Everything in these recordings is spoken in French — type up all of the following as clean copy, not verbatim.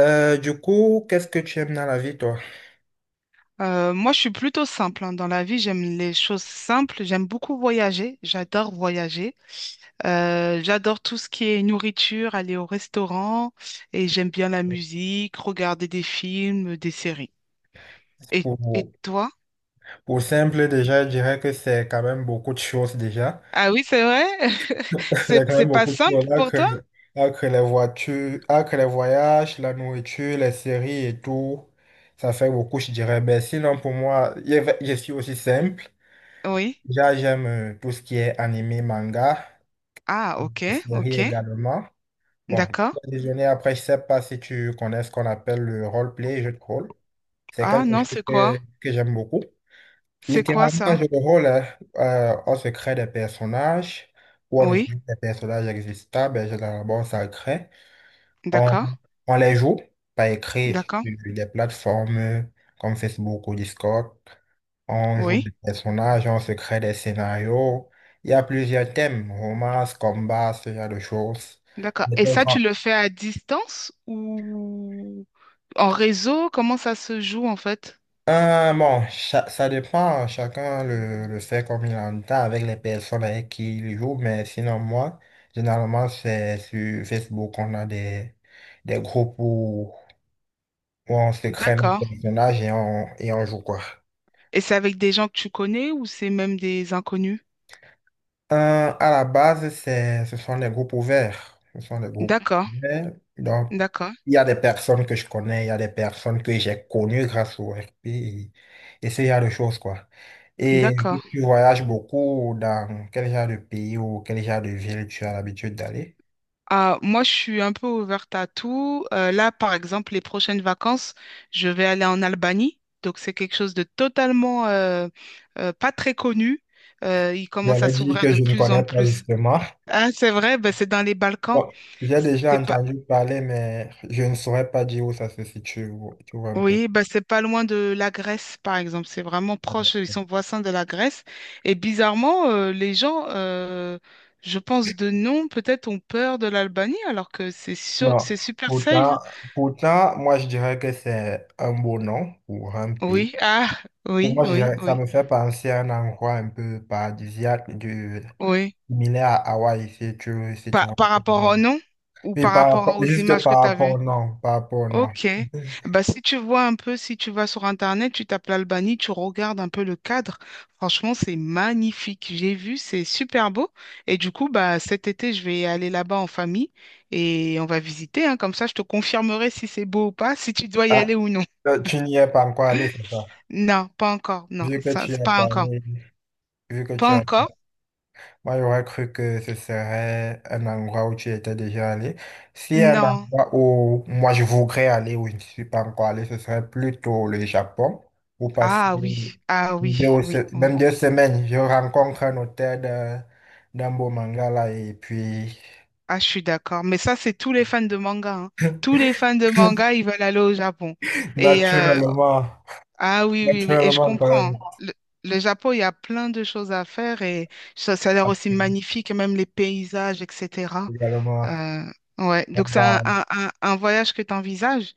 Du coup, qu'est-ce que tu aimes dans la vie, toi? Moi, je suis plutôt simple, hein. Dans la vie, j'aime les choses simples. J'aime beaucoup voyager. J'adore voyager. J'adore tout ce qui est nourriture, aller au restaurant. Et j'aime bien la musique, regarder des films, des séries. Et, et Pour, toi? pour simple, déjà, je dirais que c'est quand même beaucoup de choses déjà. Ah oui, c'est vrai? C'est, C'est quand c'est même pas beaucoup de choses. simple Là pour que, toi? là les voitures, là les voyages, la nourriture, les séries et tout, ça fait beaucoup, je dirais. Mais sinon, pour moi, je suis aussi simple. Oui. Déjà, j'aime tout ce qui est animé, manga, Ah, ok, les séries ok. également. Bon, D'accord. le déjeuner, après, je sais pas si tu connais ce qu'on appelle le role-play, jeu de rôle. C'est Ah quelque non, chose c'est quoi? que j'aime beaucoup. C'est quoi Littéralement, ça? je le rôle, hein, on se crée des personnages ou on Oui. utilise des personnages existants, mais généralement, on s'en crée. On, D'accord. on les joue par écrit D'accord. sur des plateformes comme Facebook ou Discord. On joue des Oui. personnages, on se crée des scénarios. Il y a plusieurs thèmes, romance, combat, ce genre de choses. D'accord. Et ça, tu le fais à distance ou en réseau? Comment ça se joue en fait? Bon, ça dépend, hein. Chacun le fait comme il entend avec les personnes avec qui il joue. Mais sinon, moi, généralement, c'est sur Facebook qu'on a des groupes où on se crée nos D'accord. personnages et et on joue quoi. Et c'est avec des gens que tu connais ou c'est même des inconnus? Euh, à la base, ce sont des groupes ouverts. Ce sont des groupes D'accord, ouverts. Donc, d'accord, il y a des personnes que je connais, il y a des personnes que j'ai connues grâce au RP et ce genre de choses, quoi. Et vu d'accord. que tu voyages beaucoup, dans quel genre de pays ou quel genre de ville tu as l'habitude d'aller? Ah, moi, je suis un peu ouverte à tout. Là, par exemple, les prochaines vacances, je vais aller en Albanie. Donc, c'est quelque chose de totalement pas très connu. Il commence à J'allais dire s'ouvrir que de je ne plus connais en pas plus. justement. Ah, c'est vrai, ben, c'est dans les Balkans. Bon, j'ai déjà C'est pas, entendu parler, mais je ne saurais pas dire où ça se situe. Tu vois un peu. Oui, bah c'est pas loin de la Grèce, par exemple. C'est vraiment proche, ils sont voisins de la Grèce. Et bizarrement, les gens, je pense de nom, peut-être ont peur de l'Albanie, alors que c'est sûr, Non, c'est super safe. pourtant, pourtant, moi je dirais que c'est un beau nom pour un pays. Oui, ah, Pour oui, moi, je oui, dirais que ça oui, me fait penser à un endroit un peu paradisiaque, du, oui. similaire à Hawaï, si tu Par, vois par ce que je veux rapport dire. au nom ou Mais par par rapport rapport, aux juste images que par tu as rapport vues? au nom, par rapport au nom. Ok. Bah, si tu vois un peu, si tu vas sur Internet, tu tapes l'Albanie, tu regardes un peu le cadre. Franchement, c'est magnifique. J'ai vu, c'est super beau. Et du coup, bah, cet été, je vais aller là-bas en famille et on va visiter, hein. Comme ça, je te confirmerai si c'est beau ou pas, si tu dois y Ah, aller ou non. Tu n'y es pas encore allé, c'est ça? Non, pas encore. Non, Vu que ça, tu c'est as pas encore. parlé, vu que tu Pas as encore? Moi, j'aurais cru que ce serait un endroit où tu étais déjà allé. Si un Non. endroit où moi je voudrais aller, où je ne suis pas encore allé, ce serait plutôt le Japon, où passer Ah oui, ah oui, oui, même oui. deux semaines. Je rencontre un hôtel d'un beau manga là, et puis Ah, je suis d'accord. Mais ça, c'est tous les fans de manga, hein. Tous les fans de manga, ils veulent aller au Japon. Et euh, naturellement, Ah oui, oui, oui, et je naturellement quand comprends, même, hein. Le Japon, il y a plein de choses à faire et ça a l'air aussi après, magnifique, et même les paysages, etc. également, Euh, ouais, donc c'est un, on un, un, un voyage que tu envisages?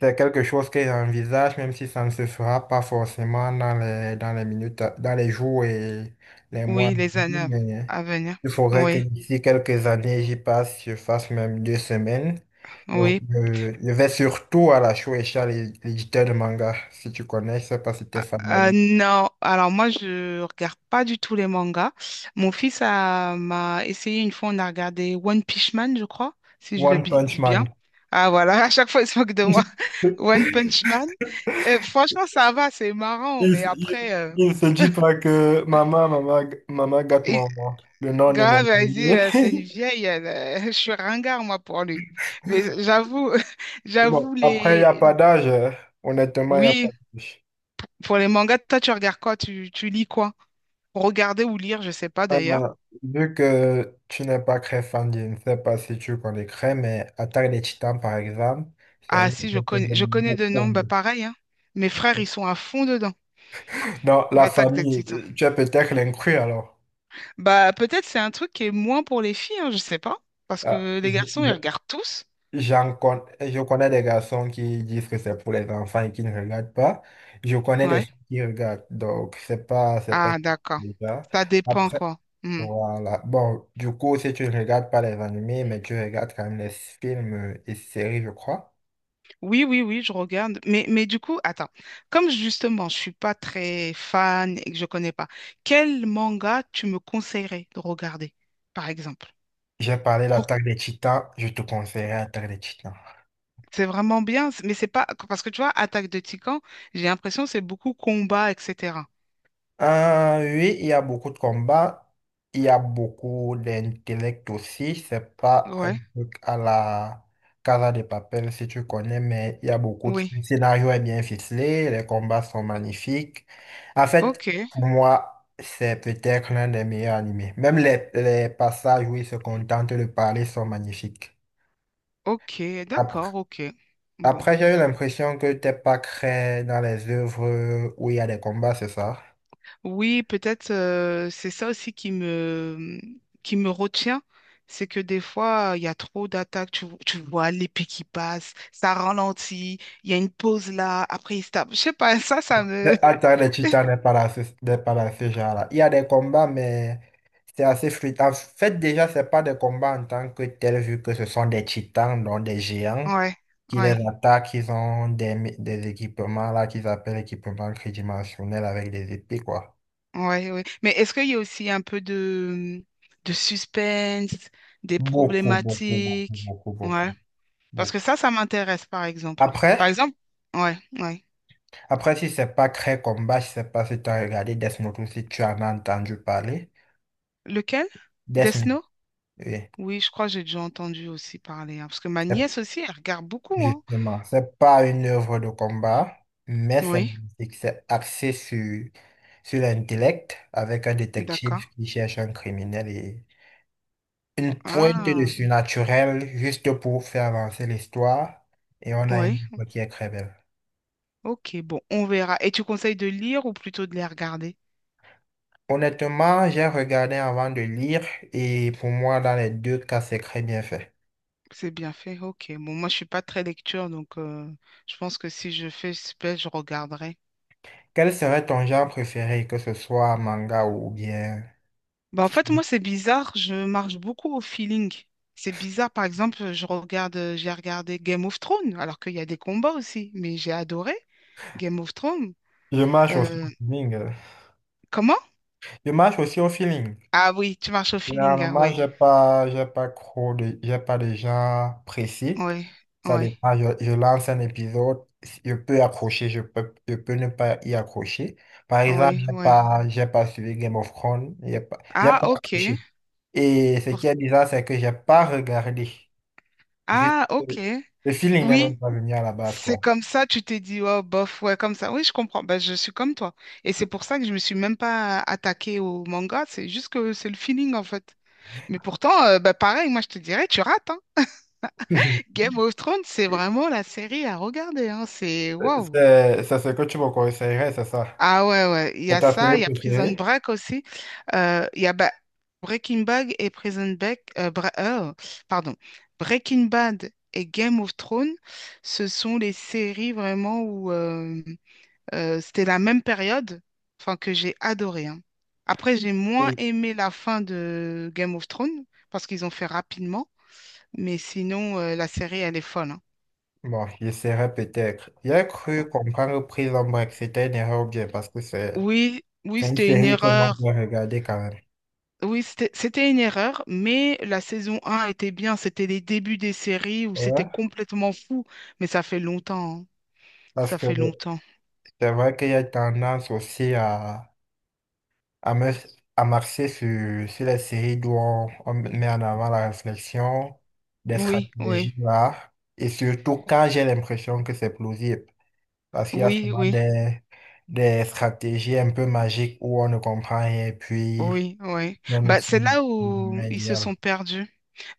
C'est quelque chose que j'envisage, même si ça ne se fera pas forcément dans dans les minutes, dans les jours et les mois à Oui, les années venir. Mais à venir. il faudrait que Oui, d'ici quelques années, j'y passe, je fasse même deux semaines. Je, oui. Je vais surtout à la Shueisha, l'éditeur de manga, si tu connais, je sais pas si tu es fan de l'anime. Non, alors moi je regarde pas du tout les mangas. Mon fils a m'a essayé une fois, on a regardé One Punch Man, je crois, si je One Punch dis bien. Man. Ah voilà, à chaque fois il se moque de moi. One Punch Man. Franchement, ça va, c'est marrant, Il, mais il- il se dit pas que maman, maman, maman gâte et- mon, le nom de mon grave, elle dit, bébé. C'est une vieille, elle, je suis ringard, moi, pour lui. Mais j'avoue, Bon, j'avoue, après, il n'y a pas les... d'âge, honnêtement, il n'y a pas Oui, d'âge. pour les mangas, toi, tu regardes quoi? Tu lis quoi? Regarder ou lire, je sais pas d'ailleurs. Euh, vu que tu n'es pas très fan, je ne sais pas si tu connais Cray, mais Attaque des Titans, par exemple, c'est un Ah si, livre que j'aime je connais de beaucoup nom, bah aimer. pareil, hein. Mes frères, ils sont à fond dedans, Dans la l'attaque des famille, Titans. Tu es peut-être l'inclus alors. Bah peut-être c'est un truc qui est moins pour les filles, hein, je sais pas, parce Ah, que les je- garçons, ils je- regardent tous. Je connais des garçons qui disent que c'est pour les enfants et qui ne regardent pas. Je connais des Ouais. filles qui regardent, donc c'est pas Ah d'accord. déjà. Ça dépend quoi. Hmm. Voilà. Bon, du coup, si tu ne regardes pas les animés, mais tu regardes quand même les films et séries, je crois. Oui, oui, oui, je regarde. Mais du coup, attends, comme justement, je suis pas très fan et que je connais pas, quel manga tu me conseillerais de regarder, par exemple? J'ai parlé de Pour- l'Attaque des Titans, je te conseillerais l'Attaque des Titans. C'est vraiment bien, c- mais c'est pas parce que tu vois, Attaque de Titans, j'ai l'impression que c'est beaucoup combat, etc. Oui, il y a beaucoup de combats, il y a beaucoup d'intellect aussi. C'est pas un Ouais, truc à la Casa de Papel si tu connais, mais il y a beaucoup de... oui. Le scénario est bien ficelé, les combats sont magnifiques. En Ok, fait, pour moi, c'est peut-être l'un des meilleurs animés. Même les passages où ils se contentent de parler sont magnifiques. ok, Après, d'accord, ok. Bon. après, j'ai eu l'impression que t'es pas très dans les œuvres où il y a des combats, c'est ça? Oui, peut-être, c'est ça aussi qui me retient, c'est que des fois, il y a trop d'attaques, tu vois l'épée qui passe, ça ralentit, il y a une pause là, après il se tape. Je sais pas, ça me... Le- Attaque des titans n'est pas là, n'est pas là, ce genre-là. Il y a des combats, mais c'est assez fluide. En fait, déjà, c'est pas des combats en tant que tels, vu que ce sont des titans, donc des géants, Ouais, qui les ouais, attaquent. Ils ont des équipements là qu'ils appellent équipements tridimensionnels avec des épées, quoi. ouais. Mais est-ce qu'il y a aussi un peu de suspense, des Beaucoup, beaucoup, beaucoup, problématiques? beaucoup, Ouais. beaucoup, Parce que beaucoup. ça m'intéresse, par exemple. Par Après, exemple, ouais, ouais. Après, si c'est pas Cré Combat, je sais pas si tu as regardé Death Note ou si tu en as entendu parler. Lequel? Death Death Note, Note. oui. Oui, je crois que j'ai déjà entendu aussi parler, hein, parce que ma C'est- nièce aussi, elle regarde beaucoup, hein. justement, c'est pas une œuvre de combat, mais c'est Oui, magnifique. C'est axé sur l'intellect avec un d'accord. détective qui cherche un criminel et une pointe de Ah, surnaturel juste pour faire avancer l'histoire. Et on a une oui. œuvre qui est très belle. Ok, bon, on verra. Et tu conseilles de lire ou plutôt de les regarder? Honnêtement, j'ai regardé avant de lire et pour moi, dans les deux cas, c'est très bien fait. C'est bien fait. Ok. Bon, moi, je suis pas très lecture, donc je pense que si je fais spell, je regarderai. Quel serait ton genre préféré, que ce soit manga ou bien... Bah, en fait, moi, c'est bizarre. Je marche beaucoup au feeling. C'est bizarre. Par exemple, j'ai regardé Game of Thrones, alors qu'il y a des combats aussi, mais j'ai adoré Game of Thrones. Je marche aussi Euh, au feeling, Comment? je marche aussi au feeling. Ah oui, tu marches au feeling, ah, Généralement, oui. J'ai pas de genre précis. Oui, Ça oui, dépend, je lance un épisode, je peux accrocher, je peux ne pas y accrocher. Par exemple, oui, oui. J'ai pas suivi Game of Thrones, j'ai Ah, pas ok. accroché. Et ce Pour- qui est bizarre, c'est que j'ai pas regardé. Juste, Ah, ok. Le feeling n'est même Oui, pas venu à la base, c'est quoi. comme ça, tu t'es dit, oh, bof, ouais, comme ça. Oui, je comprends. Ben, je suis comme toi. Et c'est pour ça que je me suis même pas attaquée au manga. C'est juste que c'est le feeling, en fait. Mais pourtant, ben, pareil, moi, je te dirais, tu rates, hein. Game of Thrones, c'est vraiment la série à regarder, hein. C'est waouh. C'est ce que tu me conseillerais, c'est ça? Ah ouais, ouais, il y C'est a ta ça, il série y a Prison préférée? Break aussi. Il y a ba- Breaking Bad et Prison Break, pardon, Breaking Bad et Game of Thrones, ce sont les séries vraiment où c'était la même période, enfin que j'ai adoré, hein. Après, j'ai moins Et- aimé la fin de Game of Thrones parce qu'ils ont fait rapidement, mais sinon, la série, elle est folle, hein. bon, j'essaierai peut-être. J'ai cru comprendre Prison Break, c'était une erreur ou bien parce que Oui, oui, c'est une c'était une série que moi erreur. je vais regarder quand même. Oui, c'était une erreur, mais la saison 1 était bien. C'était les débuts des séries où c'était Ouais. complètement fou. Mais ça fait longtemps, hein. Parce Ça que fait longtemps. c'est vrai qu'il y a tendance aussi à, me, à marcher sur les séries d'où on met en avant la réflexion, des Oui, oui, stratégies là, et surtout quand j'ai l'impression que c'est plausible. Parce qu'il y a oui, souvent oui, des stratégies un peu magiques où on ne comprend rien et puis oui, oui. on ne Bah, sait c'est là le moment où ils se idéal. sont perdus.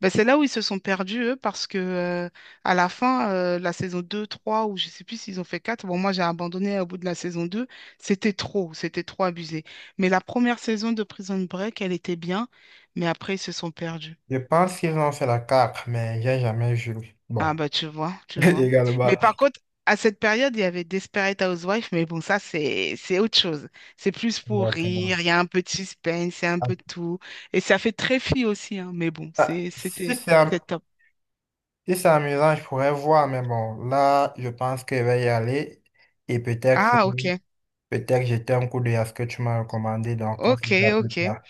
Bah, c'est là où ils se sont perdus, eux, parce que à la fin, la saison 2, 3, ou je sais plus s'ils ont fait 4, bon, moi j'ai abandonné au bout de la saison 2, c'était trop abusé. Mais la première saison de Prison Break, elle était bien, mais après ils se sont perdus. Je pense qu'ils ont fait la carte, mais j'ai jamais joué. Bon, Ah bah tu vois, tu vois. également. Mais par contre, à cette période, il y avait Desperate Housewives, mais bon, ça c'est autre chose. C'est plus pour Exactement. rire, il y a un peu de suspense, c'est un Ah, peu de tout. Et ça fait très fille aussi, hein, mais bon, ah, c'est c'était c'était top. si c'est amusant, je pourrais voir, mais bon, là, je pense que je vais y aller et Ah ok, peut-être jeter un coup d'œil à ce que tu m'as recommandé, donc on se ok, dit à plus ok. tard.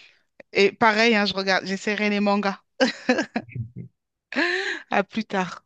Et pareil, hein, je regarde, j'essaierai les mangas. À plus tard.